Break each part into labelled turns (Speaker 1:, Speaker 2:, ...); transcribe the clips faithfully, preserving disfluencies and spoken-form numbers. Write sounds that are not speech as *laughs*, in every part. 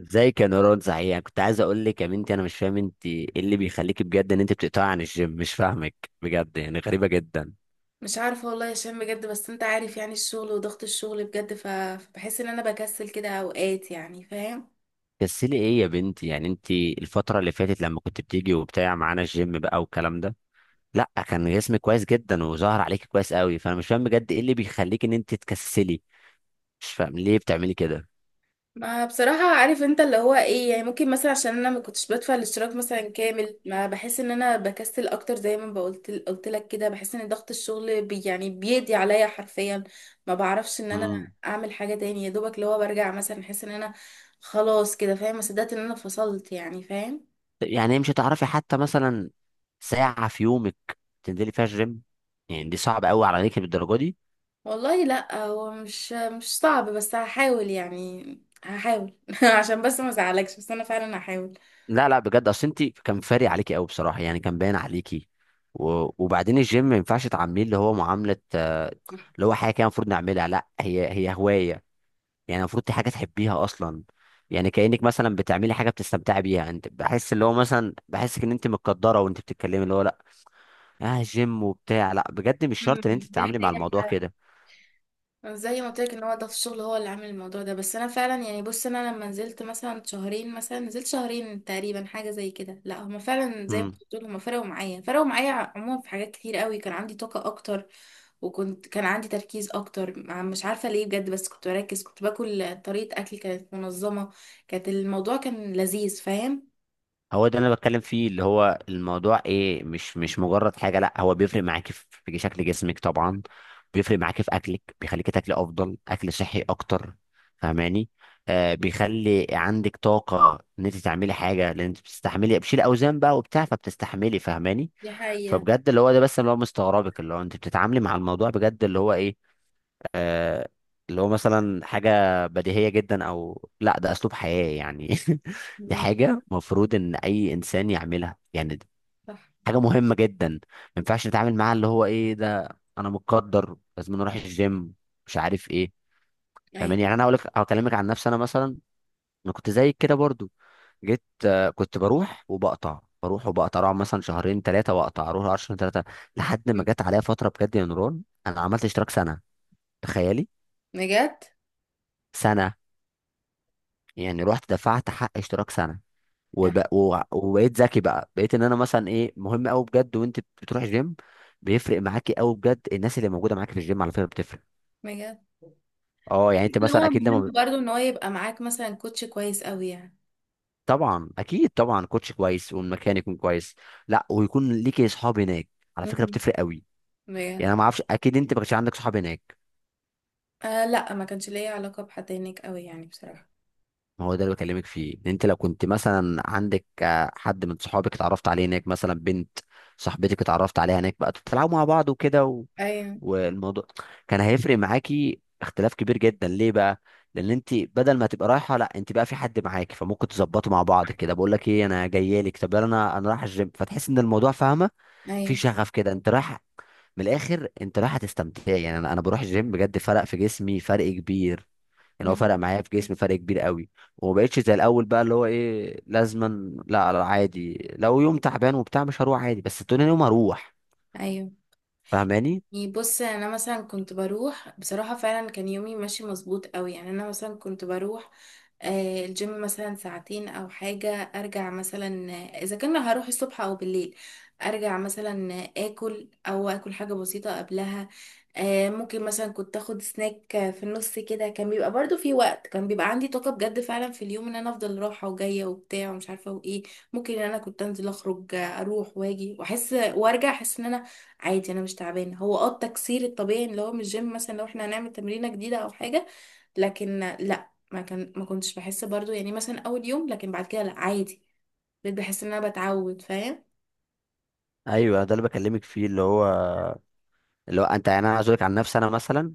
Speaker 1: ازاي كنورات؟ صحيح، يعني كنت عايز اقول لك يا بنتي، انا مش فاهم انت ايه اللي بيخليك بجد ان انت بتقطعي عن الجيم. مش فاهمك بجد، يعني غريبه جدا.
Speaker 2: مش عارفة والله يا هشام بجد. بس انت عارف يعني، الشغل وضغط الشغل بجد، ف- فبحس ان انا بكسل كده اوقات، يعني فاهم.
Speaker 1: كسلي ايه يا بنتي؟ يعني انت الفتره اللي فاتت لما كنت بتيجي وبتاع معانا الجيم بقى والكلام ده، لا، كان جسمك كويس جدا وظهر عليك كويس قوي، فانا مش فاهم بجد ايه اللي بيخليك ان انت تكسلي. مش فاهم ليه بتعملي كده.
Speaker 2: ما بصراحة عارف انت اللي هو ايه، يعني ممكن مثلا عشان انا ما كنتش بدفع الاشتراك مثلا كامل، ما بحس ان انا بكسل اكتر، زي ما بقولت قلت لك كده، بحس ان ضغط الشغل بي يعني بيدي عليا حرفيا. ما بعرفش ان انا
Speaker 1: امم
Speaker 2: اعمل حاجة تاني، يا دوبك اللي هو برجع مثلا احس ان انا خلاص كده فاهم، ما صدقت ان انا فصلت يعني فاهم.
Speaker 1: يعني مش هتعرفي حتى مثلا ساعه في يومك تنزلي فيها الجيم؟ يعني دي صعبه قوي عليك بالدرجه دي؟
Speaker 2: والله لا، هو مش مش صعب بس هحاول يعني. هحاول *laughs* عشان بس ما ازعلكش، بس انا فعلا هحاول.
Speaker 1: لا لا، بجد اصل انت كان فارق عليكي قوي بصراحه، يعني كان باين عليكي و... وبعدين الجيم ما ينفعش تعامليه اللي هو معامله، آه، اللي
Speaker 2: *laughs*
Speaker 1: هو حاجه كده المفروض نعملها، لا هي هي هوايه. يعني المفروض دي حاجه تحبيها اصلا. يعني كانك مثلا بتعملي حاجه بتستمتعي بيها، يعني انت بحس اللي هو مثلا بحسك ان انت متقدره وانت بتتكلمي اللي هو لا. اه جيم وبتاع، لا بجد مش
Speaker 2: مم.
Speaker 1: شرط ان انت
Speaker 2: دي
Speaker 1: تتعاملي مع
Speaker 2: حقيقة.
Speaker 1: الموضوع كده.
Speaker 2: زي ما قلت لك ان هو ده في الشغل هو اللي عامل الموضوع ده، بس انا فعلا يعني، بص، انا لما نزلت مثلا شهرين، مثلا نزلت شهرين تقريبا حاجه زي كده. لا، هما فعلا زي ما
Speaker 1: امم.
Speaker 2: بتقول، هما فرقوا معايا، فرقوا معايا عموما في حاجات كتير قوي. كان عندي طاقه اكتر، وكنت كان عندي تركيز اكتر، مع- مش عارفه ليه بجد، بس كنت بركز، كنت باكل طريقه اكل كانت منظمه، كانت الموضوع كان لذيذ فاهم.
Speaker 1: هو ده اللي انا بتكلم فيه، اللي هو الموضوع ايه، مش مش مجرد حاجه، لا هو بيفرق معاكي في في شكل جسمك طبعا. بيفرق معاكي في اكلك، بيخليكي تاكلي افضل اكل صحي اكتر. فاهماني؟ آه، بيخلي عندك طاقه ان انت تعملي حاجه لان انت بتستحملي، بتشيلي اوزان بقى وبتاع فبتستحملي. فاهماني؟
Speaker 2: دي حقيقة.
Speaker 1: فبجد اللي هو ده بس، اللي هو مستغربك، اللي هو انت بتتعاملي مع الموضوع بجد اللي هو ايه؟ آه، اللي هو مثلا حاجة بديهية جدا، أو لا ده أسلوب حياة يعني. *laughs* دي
Speaker 2: مم.
Speaker 1: حاجة مفروض إن أي إنسان يعملها، يعني دي
Speaker 2: صح.
Speaker 1: حاجة مهمة جدا، ما ينفعش نتعامل معاها اللي هو إيه ده، أنا متقدر لازم أروح الجيم، مش عارف إيه.
Speaker 2: ايوه.
Speaker 1: فاهماني؟ يعني أنا هقول لك، هكلمك عن نفسي أنا مثلا. أنا كنت زيك كده برضو. جيت، آه، كنت بروح وبقطع، بروح وبقطع، اقعد مثلا شهرين ثلاثة وأقطع، أروح شهرين ثلاثة. لحد ما
Speaker 2: مم.
Speaker 1: جت عليا فترة بجد يا نوران، أنا عملت اشتراك سنة. تخيلي.
Speaker 2: بجد.
Speaker 1: سنة. يعني رحت دفعت حق اشتراك سنه.
Speaker 2: يعني
Speaker 1: وب... و... وبقيت ذكي بقى، بقيت ان انا مثلا ايه، مهم قوي بجد وانت بتروح الجيم. بيفرق معاكي قوي بجد. الناس اللي موجوده معاكي في الجيم على فكره بتفرق.
Speaker 2: بجد
Speaker 1: اه يعني انت
Speaker 2: ان
Speaker 1: مثلا
Speaker 2: هو
Speaker 1: اكيد لما
Speaker 2: مهم
Speaker 1: ب-
Speaker 2: برضو ان هو يبقى معاك مثلا كوتش كويس قوي يعني.
Speaker 1: طبعا اكيد طبعا، كوتش كويس والمكان يكون كويس. لا، ويكون ليكي اصحاب هناك. على فكره
Speaker 2: مم.
Speaker 1: بتفرق قوي.
Speaker 2: بجد.
Speaker 1: يعني انا ما اعرفش، اكيد انت ما كانش عندك صحاب هناك.
Speaker 2: آه، لا ما كانش ليا علاقة بحد هناك قوي يعني بصراحة.
Speaker 1: ما هو ده اللي بكلمك فيه، إن انت لو كنت مثلا عندك آه، حد من صحابك اتعرفت عليه هناك، مثلا بنت صاحبتك اتعرفت عليها هناك، بقى بتلعبوا مع بعض وكده.
Speaker 2: ايوه.
Speaker 1: والموضوع كان هيفرق معاكي اختلاف كبير جدا. ليه بقى؟ لان انت بدل ما تبقى رايحه لا، انت بقى في حد معاكي، فممكن تظبطوا مع بعض كده، بقول لك ايه انا جايه لك، طب يلا انا انا رايح الجيم، فتحس ان الموضوع، فاهمه. في
Speaker 2: ايوه.
Speaker 1: شغف كده انت رايح. من الاخر انت رايحه تستمتعي، يعني انا انا بروح الجيم بجد فرق في جسمي فرق كبير. يعني هو فرق
Speaker 2: مم.
Speaker 1: معايا في جسمي فرق كبير قوي. وما بقتش زي الاول بقى اللي هو ايه لازما، لا لا، عادي لو يوم تعبان وبتاع مش هروح، عادي بس تاني يوم هروح.
Speaker 2: ايوه.
Speaker 1: فاهماني؟
Speaker 2: يعني بص، يعني انا مثلا كنت بروح بصراحة، فعلا كان يومي ماشي مظبوط قوي، يعني انا مثلا كنت بروح آه، الجيم مثلا ساعتين او حاجة، ارجع مثلا آه، اذا كان هروح الصبح او بالليل، ارجع مثلا آه، اكل او اكل حاجة بسيطة قبلها، آه، ممكن مثلا كنت اخد سناك آه، في النص كده كان بيبقى برضو في وقت كان بيبقى عندي طاقة بجد، فعلا في اليوم ان انا افضل رايحة وجاية وبتاع ومش عارفة وايه. ممكن ان انا كنت انزل اخرج آه، اروح واجي واحس وارجع احس ان انا عادي، انا مش تعبانه. هو اه التكسير الطبيعي اللي هو من الجيم مثلا لو احنا هنعمل تمرينه جديده او حاجه، لكن لا، ما كان ما كنتش بحس برضو يعني، مثلا اول يوم، لكن بعد كده لا عادي، بقيت بحس ان انا بتعود فاهم.
Speaker 1: ايوه ده اللي بكلمك فيه، اللي هو اللي هو انت، يعني انا عاوز اقول لك عن نفسي انا مثلا.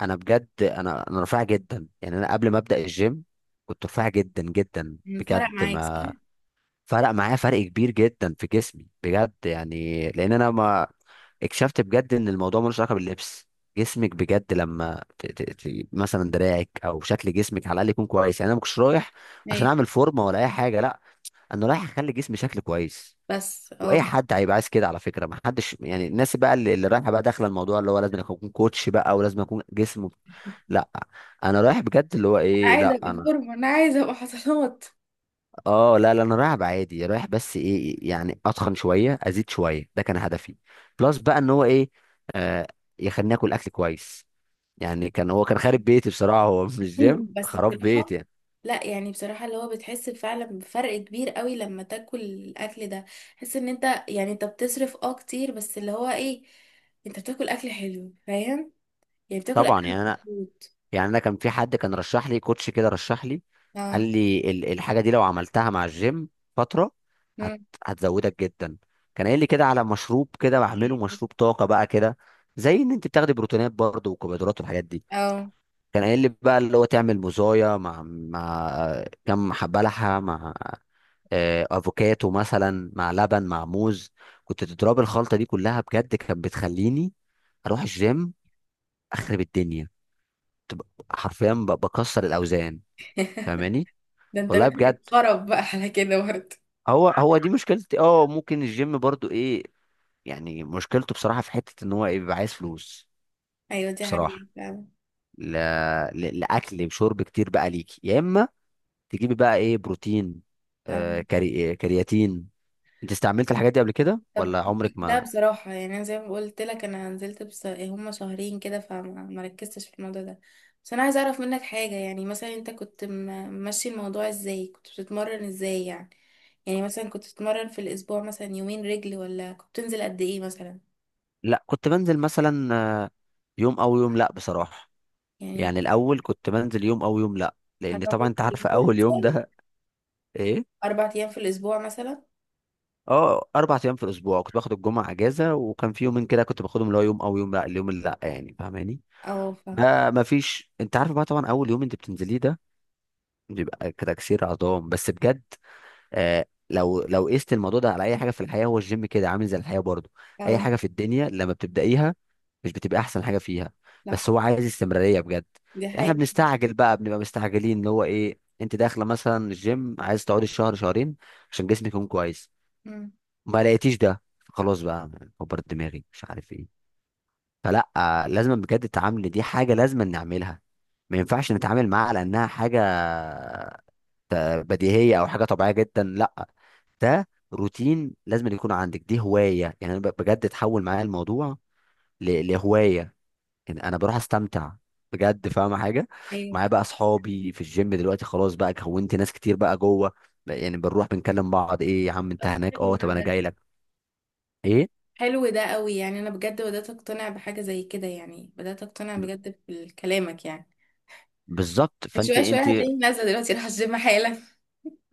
Speaker 1: انا بجد، انا انا رفيع جدا، يعني انا قبل ما ابدا الجيم كنت رفيع جدا جدا
Speaker 2: مم، فرق
Speaker 1: بجد.
Speaker 2: معاك صح.
Speaker 1: ما فرق معايا فرق كبير جدا في جسمي بجد، يعني لان انا ما اكتشفت بجد ان الموضوع ملوش علاقه باللبس. جسمك بجد لما ت... ت... ت... مثلا دراعك او شكل جسمك على الاقل يكون كويس، يعني انا ما كنتش رايح عشان
Speaker 2: ايه
Speaker 1: اعمل فورمه ولا اي حاجه، لا انا رايح اخلي جسمي شكل كويس.
Speaker 2: بس اه
Speaker 1: واي حد هيبقى عايز كده على فكره، ما حدش يعني، الناس بقى اللي, اللي رايحه بقى داخله الموضوع اللي هو لازم اكون كوتش بقى ولازم اكون جسمه، لا. انا رايح بجد اللي هو
Speaker 2: انا
Speaker 1: ايه،
Speaker 2: عايزه
Speaker 1: لا
Speaker 2: ابقى
Speaker 1: انا،
Speaker 2: فورمه، انا عايزه ابقى حصلات.
Speaker 1: اه لا لا، انا رايح عادي رايح، بس ايه يعني اتخن شويه ازيد شويه، ده كان هدفي. بلس بقى ان هو ايه، آه يخليني اكل اكل كويس. يعني كان هو كان خارب
Speaker 2: *laughs*
Speaker 1: بيتي بصراحه، هو مش
Speaker 2: ايوه
Speaker 1: جيم،
Speaker 2: بس
Speaker 1: خراب
Speaker 2: بصراحه.
Speaker 1: بيتي يعني.
Speaker 2: لا يعني بصراحة اللي هو بتحس فعلا بفرق كبير قوي لما تاكل الأكل ده، تحس ان انت، يعني انت بتصرف اه كتير، بس اللي هو ايه، انت بتاكل أكل حلو فاهم، يعني بتاكل
Speaker 1: طبعا
Speaker 2: اكل
Speaker 1: يعني انا،
Speaker 2: مظبوط.
Speaker 1: يعني انا كان في حد كان رشح لي كوتش كده، رشح لي قال
Speaker 2: اه.
Speaker 1: لي ال- الحاجه دي لو عملتها مع الجيم فتره هت
Speaker 2: مم.
Speaker 1: هتزودك جدا. كان قايل لي كده على مشروب كده بعمله، مشروب طاقه بقى كده، زي ان انت بتاخدي بروتينات برضه وكربوهيدرات والحاجات دي.
Speaker 2: اه.
Speaker 1: كان قايل لي بقى اللي هو تعمل مزايا مع مع كم حبه لحمه، مع، آه، افوكاتو مثلا، مع لبن، مع موز. كنت تضرب الخلطه دي كلها، بجد كانت بتخليني اروح الجيم اخرب الدنيا. تبقى- حرفيا ب- بكسر الاوزان.
Speaker 2: *laughs*
Speaker 1: فاهماني؟
Speaker 2: ده انت
Speaker 1: والله
Speaker 2: بقى
Speaker 1: بجد.
Speaker 2: خرب بقى على كده برضه.
Speaker 1: هو هو دي مشكلتي، اه ممكن الجيم برضو ايه، يعني مشكلته بصراحه في حته ان هو ايه، بيبقى عايز فلوس.
Speaker 2: ايوه دي
Speaker 1: بصراحه.
Speaker 2: حقيقة فعلا.
Speaker 1: لا ل- لاكل وشرب كتير بقى ليكي، يا اما تجيبي بقى ايه، بروتين، آه،
Speaker 2: تمام.
Speaker 1: كري... كرياتين. انت استعملت الحاجات دي قبل كده
Speaker 2: طب
Speaker 1: ولا عمرك
Speaker 2: لا
Speaker 1: ما؟
Speaker 2: بصراحة يعني، انا زي ما قلت لك انا نزلت بس هما شهرين كده، فما ما ركزتش في الموضوع ده. بس انا عايزة اعرف منك حاجة، يعني مثلا انت كنت م- ماشي الموضوع ازاي، كنت بتتمرن ازاي يعني، يعني مثلا كنت بتتمرن في الاسبوع مثلا يومين رجل، ولا كنت بتنزل قد ايه مثلا؟
Speaker 1: لا كنت بنزل مثلا، آه، يوم او يوم لا بصراحه.
Speaker 2: يعني
Speaker 1: يعني الاول كنت بنزل يوم او يوم لا، لان
Speaker 2: اربع
Speaker 1: طبعا
Speaker 2: ايام
Speaker 1: انت
Speaker 2: في
Speaker 1: عارفه
Speaker 2: الاسبوع
Speaker 1: اول يوم
Speaker 2: مثلا.
Speaker 1: ده. *laughs* ايه.
Speaker 2: اربع ايام في الاسبوع مثلا.
Speaker 1: اه اربع ايام في الاسبوع، كنت باخد الجمعه اجازه، وكان في يومين كده كنت باخدهم اللي هو يوم او يوم لا، اليوم اللي لا يعني. فاهماني؟
Speaker 2: اه، ف
Speaker 1: ده ما فيش، انت عارف بقى طبعا اول يوم انت بتنزليه ده بيبقى كتكسير عظام، بس بجد آه، لو لو قست الموضوع ده على اي حاجه في الحياه، هو الجيم كده عامل زي الحياه برضو. اي
Speaker 2: اه،
Speaker 1: حاجه في الدنيا لما بتبدايها مش بتبقى احسن حاجه فيها.
Speaker 2: صح.
Speaker 1: بس هو عايز استمراريه بجد.
Speaker 2: دي
Speaker 1: احنا
Speaker 2: حقيقة.
Speaker 1: بنستعجل بقى، بنبقى مستعجلين، اللي هو ايه، انت داخله مثلا الجيم عايز تقعدي شهر شهرين عشان جسمك يكون كويس،
Speaker 2: مم.
Speaker 1: ما لقيتيش ده، خلاص بقى، كبر دماغي مش عارف ايه. فلا، لازم بجد، التعامل دي حاجه لازم نعملها، ما ينفعش نتعامل معاها على انها حاجه ت- بديهيه او حاجه طبيعيه جدا، لا، ده روتين لازم يكون عندك، دي هوايه. يعني انا ب- بجد اتحول معايا الموضوع ل- لهوايه، يعني انا بروح استمتع بجد، فاهمه حاجه؟
Speaker 2: ايوه ف-
Speaker 1: معايا بقى اصحابي في الجيم دلوقتي، خلاص بقى كونت ناس كتير بقى جوه. يعني بنروح بنكلم بعض، ايه يا عم انت
Speaker 2: طب
Speaker 1: هناك؟
Speaker 2: حلو
Speaker 1: اه
Speaker 2: ده
Speaker 1: طب انا
Speaker 2: بجد،
Speaker 1: جاي لك. ايه؟
Speaker 2: حلو ده قوي، يعني انا بجد بدأت اقتنع بحاجة زي كده، يعني بدأت اقتنع بجد بكلامك يعني.
Speaker 1: بالظبط، فانت
Speaker 2: شوية شوية
Speaker 1: انت
Speaker 2: هتلاقيني نازلة، دلوقتي راح الجيم حالا.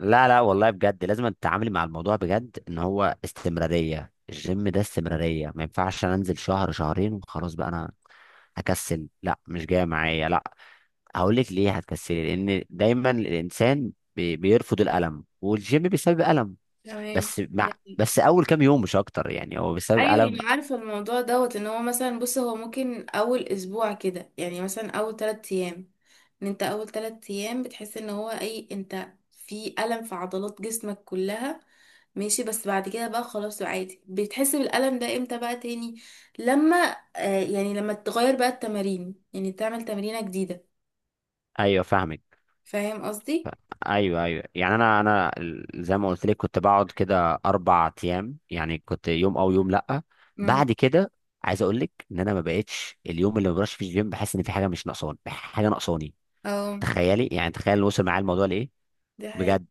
Speaker 1: لا لا والله بجد، لازم تتعاملي مع الموضوع بجد ان هو استمراريه، الجيم ده استمراريه، ما ينفعش انا انزل شهر شهرين وخلاص بقى انا هكسل لا، مش جايه معايا لا. هقول لك ليه هتكسلي، لان دايما الانسان بي- بيرفض الالم، والجيم بيسبب الم.
Speaker 2: تمام.
Speaker 1: بس مع
Speaker 2: يعني.
Speaker 1: بس اول كام يوم مش اكتر، يعني هو بيسبب
Speaker 2: ايوه،
Speaker 1: الم.
Speaker 2: انا عارفه الموضوع دوت ان هو مثلا، بص هو ممكن اول اسبوع كده يعني، مثلا اول تلات ايام، ان انت اول تلات ايام بتحس ان هو اي انت في الم في عضلات جسمك كلها، ماشي، بس بعد كده بقى خلاص عادي، بتحس بالالم ده امتى بقى تاني؟ لما آه يعني لما تغير بقى التمارين، يعني تعمل تمرينه جديده.
Speaker 1: ايوه فاهمك.
Speaker 2: فاهم قصدي.
Speaker 1: ايوه ايوه، يعني انا انا ال- زي ما قلت لك كنت بقعد كده اربع ايام، يعني كنت يوم او يوم لا.
Speaker 2: امم.
Speaker 1: بعد كده، عايز اقول لك ان انا ما بقتش اليوم اللي ما بروحش فيه الجيم بحس ان في حاجه مش ناقصاني، حاجه ناقصاني.
Speaker 2: اه.
Speaker 1: تخيلي، يعني تخيل اللي وصل معايا الموضوع لايه.
Speaker 2: دي حقيقة.
Speaker 1: بجد.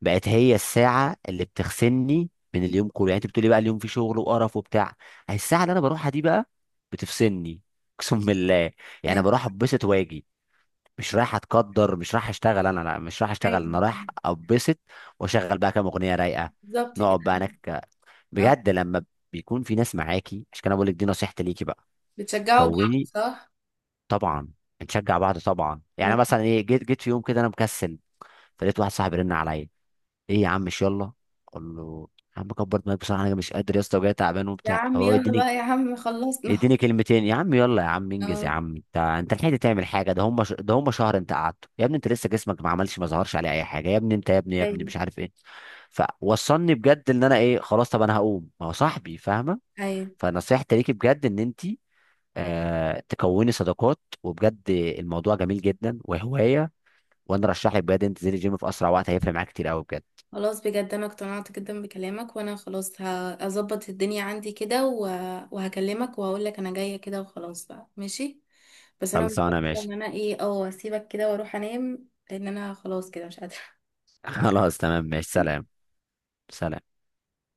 Speaker 1: بقت هي الساعه اللي بتغسلني من اليوم كله، يعني انت بتقولي بقى اليوم فيه شغل وقرف وبتاع، هي الساعه اللي انا بروحها دي بقى بتفصلني. *laughs* اقسم بالله. يعني
Speaker 2: ايوه.
Speaker 1: بروح اتبسط واجي. مش رايح اتقدر، مش رايح اشتغل انا، لا مش رايح اشتغل، انا
Speaker 2: أيوة،
Speaker 1: رايح اتبسط واشغل بقى كام اغنيه رايقه،
Speaker 2: بالظبط كده.
Speaker 1: نقعد بقى هناك.
Speaker 2: اه.
Speaker 1: بجد لما بيكون في ناس معاكي عشان كده بقول لك دي نصيحتي ليكي بقى،
Speaker 2: بتشجعوا بعض
Speaker 1: كوني،
Speaker 2: صح؟
Speaker 1: طبعا، نشجع بعض طبعا. يعني مثلا ايه، جيت جيت في يوم كده انا مكسل، فلقيت واحد صاحبي رن عليا، ايه يا عم مش يلا، اقول له يا عم كبر دماغك بصراحه، انا مش قادر يا اسطى وجاي تعبان
Speaker 2: يا
Speaker 1: وبتاع،
Speaker 2: عم
Speaker 1: هو
Speaker 2: يلا
Speaker 1: يديني،
Speaker 2: بقى يا عم خلصنا *laughs*
Speaker 1: يديني كلمتين، يا عم يلا يا عم انجز يا
Speaker 2: اه.
Speaker 1: عم، انت انت لحقت تعمل حاجه، ده هم ش... ده هم شهر انت قعدته يا ابني، انت لسه جسمك ما عملش ما ظهرش عليه اي حاجه يا ابني، انت يا ابني يا ابني
Speaker 2: ايوه.
Speaker 1: مش عارف ايه. فوصلني بجد ان انا ايه، خلاص طب انا هقوم، ما هو صاحبي، فاهمه؟
Speaker 2: ايوه.
Speaker 1: فنصيحتي ليكي بجد، ان انت آه تكوني صداقات، وبجد الموضوع جميل جدا وهوايه، وانا رشح لك بجد انت تنزلي الجيم في اسرع وقت، هيفرق معاك كتير قوي بجد.
Speaker 2: خلاص بجد، انا اقتنعت جدا بكلامك، وانا خلاص هظبط الدنيا عندي كده و- وهكلمك وهقول لك انا جايه كده وخلاص بقى ماشي. بس انا
Speaker 1: خلصانه؟
Speaker 2: مضطره
Speaker 1: ماشي.
Speaker 2: ان انا ايه اه اسيبك كده واروح انام، لان انا خلاص كده مش قادره.
Speaker 1: *laughs* خلاص تمام، ماشي سلام. سلام.